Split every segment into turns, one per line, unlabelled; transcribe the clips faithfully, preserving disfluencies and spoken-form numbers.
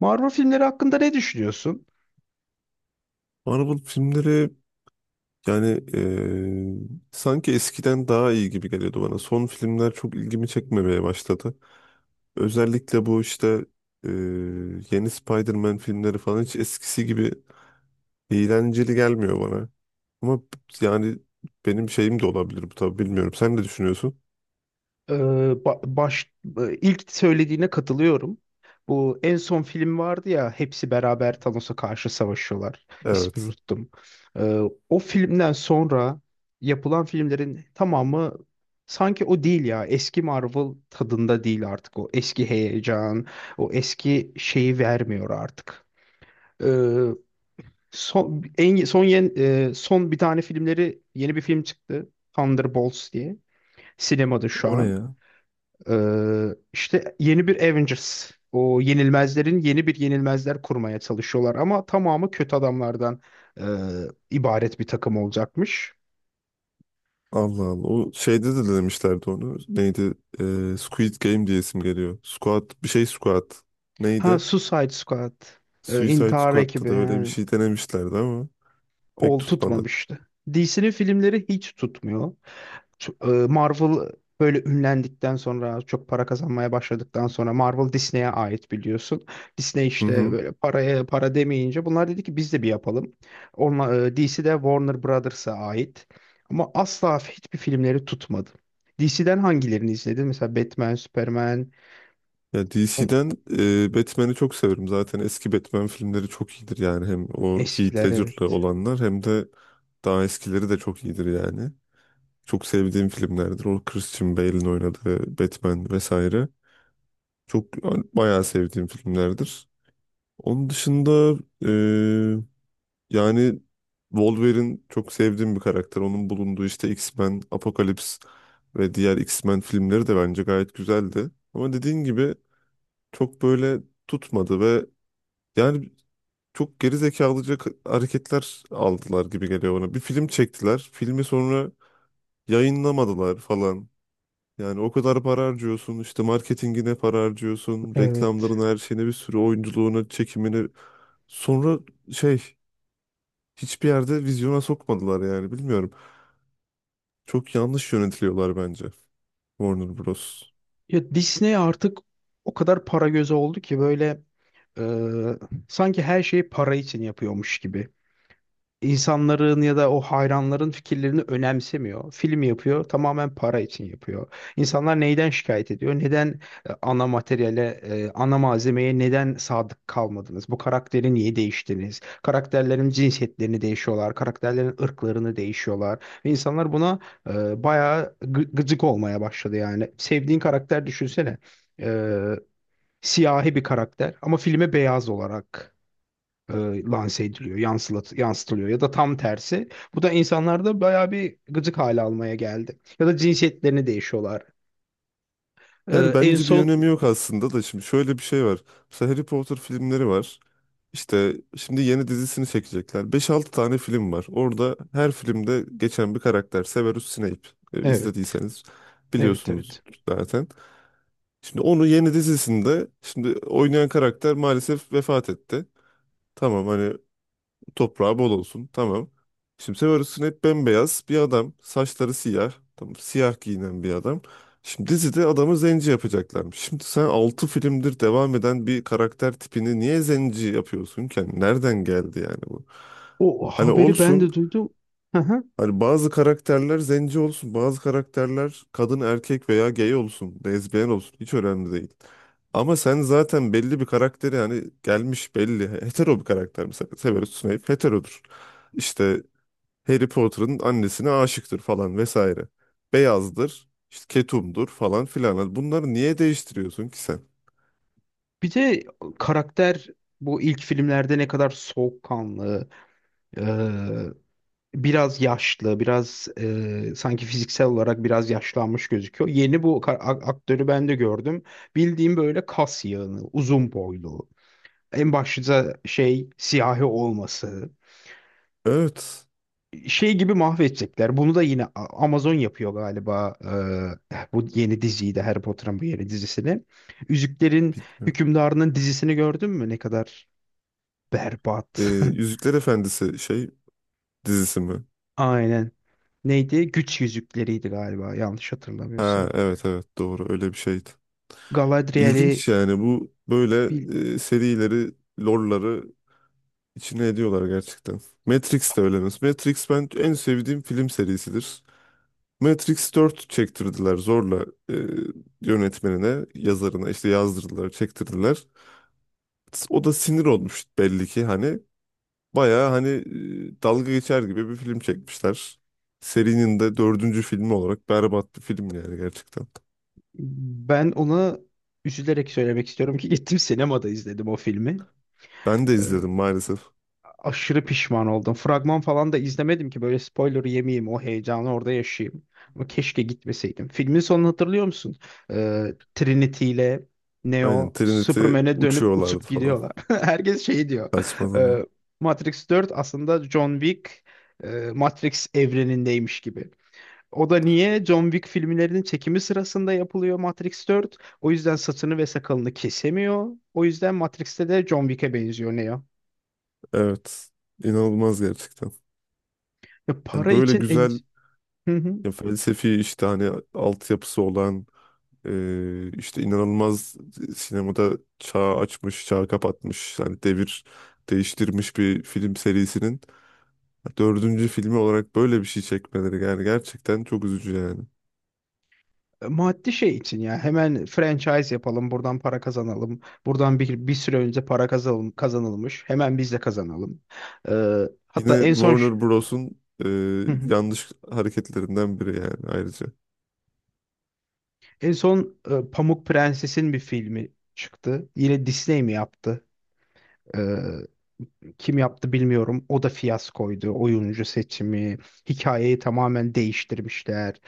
Marvel filmleri hakkında ne düşünüyorsun?
Marvel filmleri, yani, eee, sanki eskiden daha iyi gibi geliyordu bana. Son filmler çok ilgimi çekmemeye başladı. Özellikle bu işte, eee, yeni Spider-Man filmleri falan hiç eskisi gibi eğlenceli gelmiyor bana. Ama yani benim şeyim de olabilir bu, tabii bilmiyorum. Sen ne düşünüyorsun?
Ee, ba- baş e, ilk söylediğine katılıyorum. Bu en son film vardı ya, hepsi beraber Thanos'a karşı savaşıyorlar. İsmini
Evet.
unuttum. Ee, O filmden sonra yapılan filmlerin tamamı sanki o değil ya. Eski Marvel tadında değil artık o. Eski heyecan, o eski şeyi vermiyor artık. Ee, son en son yen- e, Son bir tane filmleri, yeni bir film çıktı. Thunderbolts diye. Sinemada şu
O ne
an.
ya?
Ee, işte yeni bir Avengers. O yenilmezlerin yeni bir yenilmezler kurmaya çalışıyorlar, ama tamamı kötü adamlardan e, ibaret bir takım olacakmış.
Allah Allah. O şeyde de demişlerdi onu. Neydi? Eee, Squid Game diye isim geliyor. Squad bir şey, Squad.
Ha,
Neydi?
Suicide Squad. E,
Suicide
intihar
Squad'da
ekibi.
da öyle bir
He.
şey denemişlerdi ama pek
Ol
tutmadı.
tutmamıştı. D C'nin filmleri hiç tutmuyor. T- e, Marvel böyle ünlendikten sonra, çok para kazanmaya başladıktan sonra, Marvel Disney'e ait, biliyorsun. Disney
Hı
işte
hı.
böyle paraya para demeyince bunlar dedi ki biz de bir yapalım. Onunla, e, D C de Warner Brothers'a ait. Ama asla hiçbir filmleri tutmadı. D C'den hangilerini izledin? Mesela Batman, Superman,
Ya
o-
D C'den, e, Batman'i çok severim. Zaten eski Batman filmleri çok iyidir yani. Hem o Heath
eskiler,
Ledger'lı
evet.
olanlar hem de daha eskileri de çok iyidir yani. Çok sevdiğim filmlerdir. O Christian Bale'in oynadığı Batman vesaire. Çok yani, bayağı sevdiğim filmlerdir. Onun dışında, yani Wolverine çok sevdiğim bir karakter. Onun bulunduğu işte X-Men, Apokalips ve diğer X-Men filmleri de bence gayet güzeldi. Ama dediğin gibi çok böyle tutmadı ve yani çok geri zekalıca k- hareketler aldılar gibi geliyor bana. Bir film çektiler. Filmi sonra yayınlamadılar falan. Yani o kadar para harcıyorsun, işte marketingine para harcıyorsun,
Evet.
reklamlarına, her şeyine, bir sürü oyunculuğuna, çekimine. Sonra şey, hiçbir yerde vizyona sokmadılar, yani bilmiyorum. Çok yanlış yönetiliyorlar bence, Warner Bros.
Ya Disney artık o kadar para gözü oldu ki, böyle e, sanki her şeyi para için yapıyormuş gibi. İnsanların ya da o hayranların fikirlerini önemsemiyor. Film yapıyor, tamamen para için yapıyor. İnsanlar neyden şikayet ediyor? Neden e, ana materyale, e, ana malzemeye neden sadık kalmadınız? Bu karakteri niye değiştiniz? Karakterlerin cinsiyetlerini değişiyorlar, karakterlerin ırklarını değişiyorlar. Ve insanlar buna e, bayağı gı- gıcık olmaya başladı yani. Sevdiğin karakter, düşünsene. E, Siyahi bir karakter ama filme beyaz olarak e, lanse ediliyor, yansılat, yansıtılıyor, ya da tam tersi. Bu da insanlarda bayağı bir gıcık hale almaya geldi. Ya da cinsiyetlerini değişiyorlar.
Yani
E, En
bence bir
son,
önemi yok aslında da, şimdi şöyle bir şey var. Mesela Harry Potter filmleri var. İşte şimdi yeni dizisini çekecekler. Beş altı tane film var. Orada her filmde geçen bir karakter: Severus Snape. E,
evet,
izlediyseniz
evet,
biliyorsunuz
evet.
zaten. Şimdi onu yeni dizisinde şimdi oynayan karakter maalesef vefat etti. Tamam hani, toprağı bol olsun. Tamam. Şimdi sen arasın, hep bembeyaz bir adam. Saçları siyah. Tamam. Siyah giyinen bir adam. Şimdi dizide adamı zenci yapacaklarmış. Şimdi sen altı filmdir devam eden bir karakter tipini niye zenci yapıyorsun ki? Yani nereden geldi yani bu?
O
Hani
haberi ben
olsun,
de duydum. Hı hı.
hani bazı karakterler zenci olsun, bazı karakterler kadın, erkek veya gay olsun, lezbiyen olsun, hiç önemli değil. Ama sen zaten belli bir karakteri, yani gelmiş belli. Hetero bir karakter mesela. Severus Snape heterodur. İşte Harry Potter'ın annesine aşıktır falan vesaire. Beyazdır, işte ketumdur falan filan. Hani bunları niye değiştiriyorsun ki sen?
Bir de karakter, bu ilk filmlerde ne kadar soğukkanlı, e, biraz yaşlı, biraz e, sanki fiziksel olarak biraz yaşlanmış gözüküyor. Yeni bu ka- a- aktörü ben de gördüm. Bildiğim böyle kas yığını, uzun boylu. En başta şey, siyahi olması.
Evet.
Şey gibi mahvedecekler. Bunu da yine A- Amazon yapıyor galiba, eee, bu yeni diziyi de, Harry Potter'ın bu yeni dizisini. Yüzüklerin
Bilmiyorum.
Hükümdarı'nın dizisini gördün mü? Ne kadar
Ee,
berbat.
Yüzükler Efendisi şey dizisi mi?
Aynen. Neydi? Güç yüzükleriydi galiba, yanlış
Ha
hatırlamıyorsam.
evet evet, doğru, öyle bir şeydi.
Galadriel'i
İlginç yani bu böyle,
bil-
e, serileri, lore'ları içine ediyorlar gerçekten. Matrix de öyle mesela. Matrix ben en sevdiğim film serisidir. Matrix dört çektirdiler zorla, e, yönetmenine, yazarına işte yazdırdılar, çektirdiler. O da sinir olmuş belli ki, hani bayağı hani e, dalga geçer gibi bir film çekmişler. Serinin de dördüncü filmi olarak berbat bir film yani, gerçekten.
ben ona üzülerek söylemek istiyorum ki, gittim sinemada izledim o filmi.
Ben de izledim maalesef.
Aşırı pişman oldum. Fragman falan da izlemedim ki böyle spoiler yemeyeyim, o heyecanı orada yaşayayım. Ama keşke gitmeseydim. Filmin sonunu hatırlıyor musun? Ee, Trinity ile
Aynen,
Neo
Trinity
Superman'e dönüp uçup
uçuyorlardı falan.
gidiyorlar. Herkes şey diyor.
Saçma zaman.
e, Matrix dört aslında John Wick e, Matrix evrenindeymiş gibi. O da niye? John Wick filmlerinin çekimi sırasında yapılıyor Matrix dört. O yüzden saçını ve sakalını kesemiyor. O yüzden Matrix'te de John Wick'e benziyor Neo.
Evet. İnanılmaz gerçekten.
Ya
Yani
para
böyle
için.
güzel
Hı hı.
ya, felsefi işte hani altyapısı olan, e, işte inanılmaz, sinemada çağ açmış, çağ kapatmış, yani devir değiştirmiş bir film serisinin dördüncü filmi olarak böyle bir şey çekmeleri yani gerçekten çok üzücü yani.
E, Maddi şey için, ya hemen franchise yapalım, buradan para kazanalım, buradan bir, bir süre önce para kazanalım, kazanılmış, hemen biz de kazanalım. E, Hatta
Yine
en son,
Warner Bros'un e,
hı hı,
yanlış hareketlerinden biri yani, ayrıca.
en son e, Pamuk Prenses'in bir filmi çıktı, yine Disney mi yaptı, E, kim yaptı bilmiyorum, o da fiyaskoydu, oyuncu seçimi, hikayeyi tamamen değiştirmişler.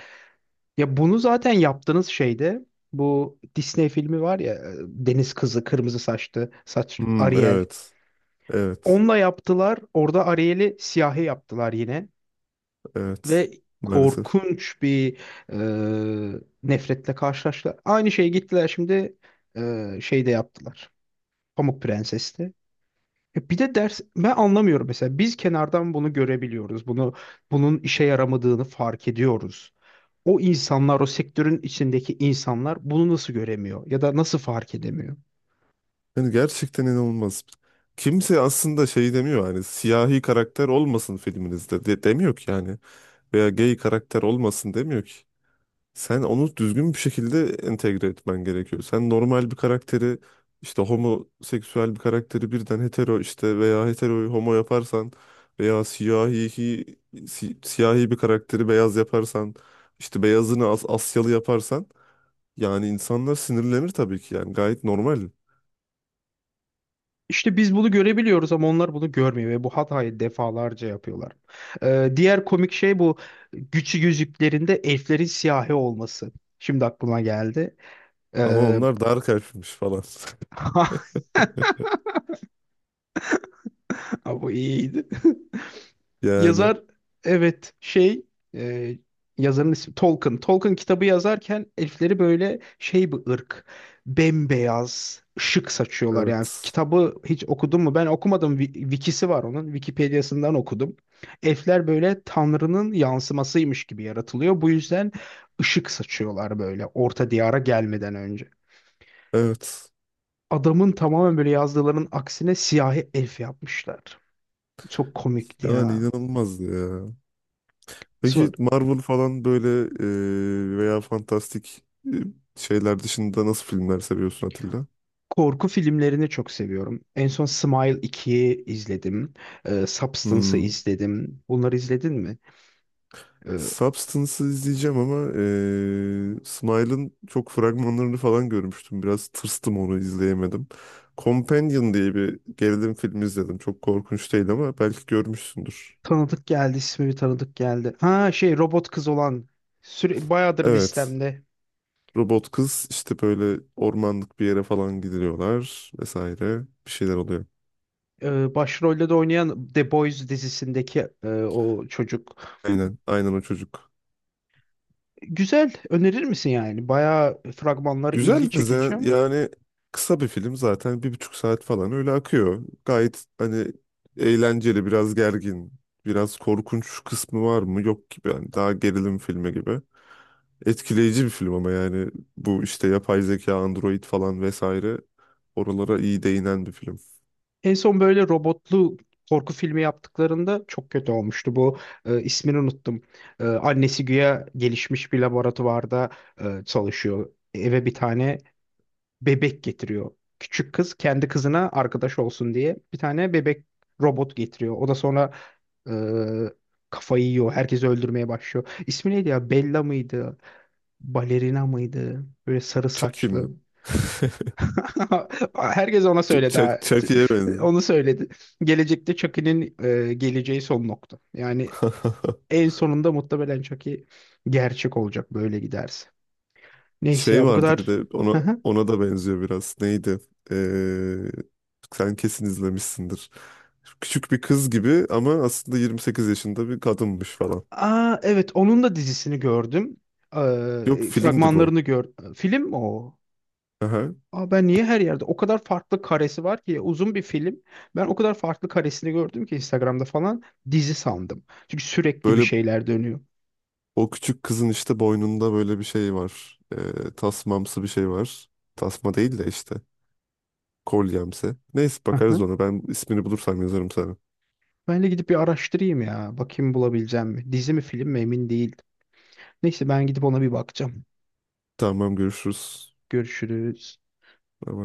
Ya bunu zaten yaptığınız şeyde, bu Disney filmi var ya, e, Deniz Kızı, kırmızı saçlı saç
Hmm,
Ariel.
evet. Evet.
Onunla yaptılar. Orada Ariel'i siyahi yaptılar yine.
Evet.
Ve
Maalesef.
korkunç bir e, nefretle karşılaştılar. Aynı şeyi gittiler şimdi e, şeyde yaptılar. Pamuk Prenses'te. E, Bir de ders, ben anlamıyorum mesela, biz kenardan bunu görebiliyoruz. Bunu bunun işe yaramadığını fark ediyoruz. O insanlar, o sektörün içindeki insanlar bunu nasıl göremiyor ya da nasıl fark edemiyor?
Yani gerçekten inanılmaz. Kimse aslında şey demiyor, hani siyahi karakter olmasın filminizde de, demiyor ki yani. Veya gay karakter olmasın demiyor ki. Sen onu düzgün bir şekilde entegre etmen gerekiyor. Sen normal bir karakteri, işte homoseksüel bir karakteri birden hetero, işte veya heteroyu homo yaparsan, veya siyahi si- siyahi bir karakteri beyaz yaparsan, işte beyazını As- Asyalı yaparsan, yani insanlar sinirlenir tabii ki, yani gayet normal.
İşte biz bunu görebiliyoruz ama onlar bunu görmüyor ve bu hatayı defalarca yapıyorlar. Ee, diğer komik şey, bu güçlü yüzüklerinde elflerin siyahi olması. Şimdi aklıma geldi.
Ama
Ee,
onlar dar kalpmiş falan.
Bu iyiydi.
Yani
Yazar, evet, şey e, yazarın ismi Tolkien. Tolkien kitabı yazarken elfleri böyle şey bir ırk. Bembeyaz ışık saçıyorlar yani.
evet.
Kitabı hiç okudun mu? Ben okumadım. Wi- Wikisi var onun. Wikipedia'sından okudum. Elfler böyle Tanrı'nın yansımasıymış gibi yaratılıyor. Bu yüzden ışık saçıyorlar, böyle Orta Diyar'a gelmeden önce.
Evet.
Adamın tamamen böyle yazdıklarının aksine siyahi elf yapmışlar. Çok komikti
Yani
ya.
inanılmazdı ya. Peki
Sonra.
Marvel falan böyle, e, veya fantastik, e, şeyler dışında nasıl filmler seviyorsun Atilla?
Korku filmlerini çok seviyorum. En son Smile ikiyi izledim. Ee, Substance'ı
Hmm.
izledim. Bunları izledin mi? Ee,
Substance'ı izleyeceğim ama e, Smile'ın çok fragmanlarını falan görmüştüm. Biraz tırstım, onu izleyemedim. Companion diye bir gerilim filmi izledim. Çok korkunç değil ama belki görmüşsündür.
Tanıdık geldi, ismi bir tanıdık geldi. Ha şey, robot kız olan, süre, bayağıdır
Evet.
listemde.
Robot kız işte böyle ormanlık bir yere falan gidiliyorlar vesaire, bir şeyler oluyor.
Ee, başrolde de oynayan The Boys dizisindeki e, o çocuk.
Aynen, aynen o çocuk.
Güzel, önerir misin yani? Bayağı fragmanları ilgi
Güzeldi
çekici.
ze- yani kısa bir film zaten, bir buçuk saat falan öyle akıyor. Gayet hani eğlenceli, biraz gergin, biraz korkunç kısmı var mı yok gibi, yani daha gerilim filmi gibi. Etkileyici bir film ama yani bu işte yapay zeka, android falan vesaire, oralara iyi değinen bir film.
En son böyle robotlu korku filmi yaptıklarında çok kötü olmuştu. Bu e, ismini unuttum. E, annesi güya gelişmiş bir laboratuvarda e, çalışıyor. Eve bir tane bebek getiriyor. Küçük kız kendi kızına arkadaş olsun diye bir tane bebek robot getiriyor. O da sonra Ee, kafayı yiyor. Herkesi öldürmeye başlıyor. İsmi neydi ya? Bella mıydı? Balerina mıydı? Böyle sarı
Chucky mi?
saçlı. Herkes ona
Ç-
söyledi, ha.
Chuck- Chucky'ye benziyor.
Onu söyledi. Gelecekte Chucky'nin e, geleceği son nokta. Yani en sonunda muhtemelen Chucky gerçek olacak, böyle giderse. Neyse
Şey
ya, bu
vardı bir
kadar.
de, ona
Hı hı.
ona da benziyor biraz. Neydi? Ee, sen kesin izlemişsindir. Küçük bir kız gibi ama aslında yirmi sekiz yaşında bir kadınmış falan.
Aa, evet, onun da dizisini gördüm.
Yok,
Ee,
filmdi bu.
fragmanlarını gördüm. Film mi o?
Aha.
Aa, ben niye her yerde o kadar farklı karesi var ki, uzun bir film. Ben o kadar farklı karesini gördüm ki Instagram'da falan, dizi sandım. Çünkü sürekli bir
Böyle
şeyler dönüyor.
o küçük kızın işte boynunda böyle bir şey var. Ee, tasmamsı bir şey var. Tasma değil de işte kolyemsi. Neyse,
Hı
bakarız
hı.
ona. Ben ismini bulursam yazarım sana.
Ben de gidip bir araştırayım ya. Bakayım bulabileceğim mi? Dizi mi film mi emin değildim. Neyse, ben gidip ona bir bakacağım.
Tamam, görüşürüz.
Görüşürüz.
Bye bye.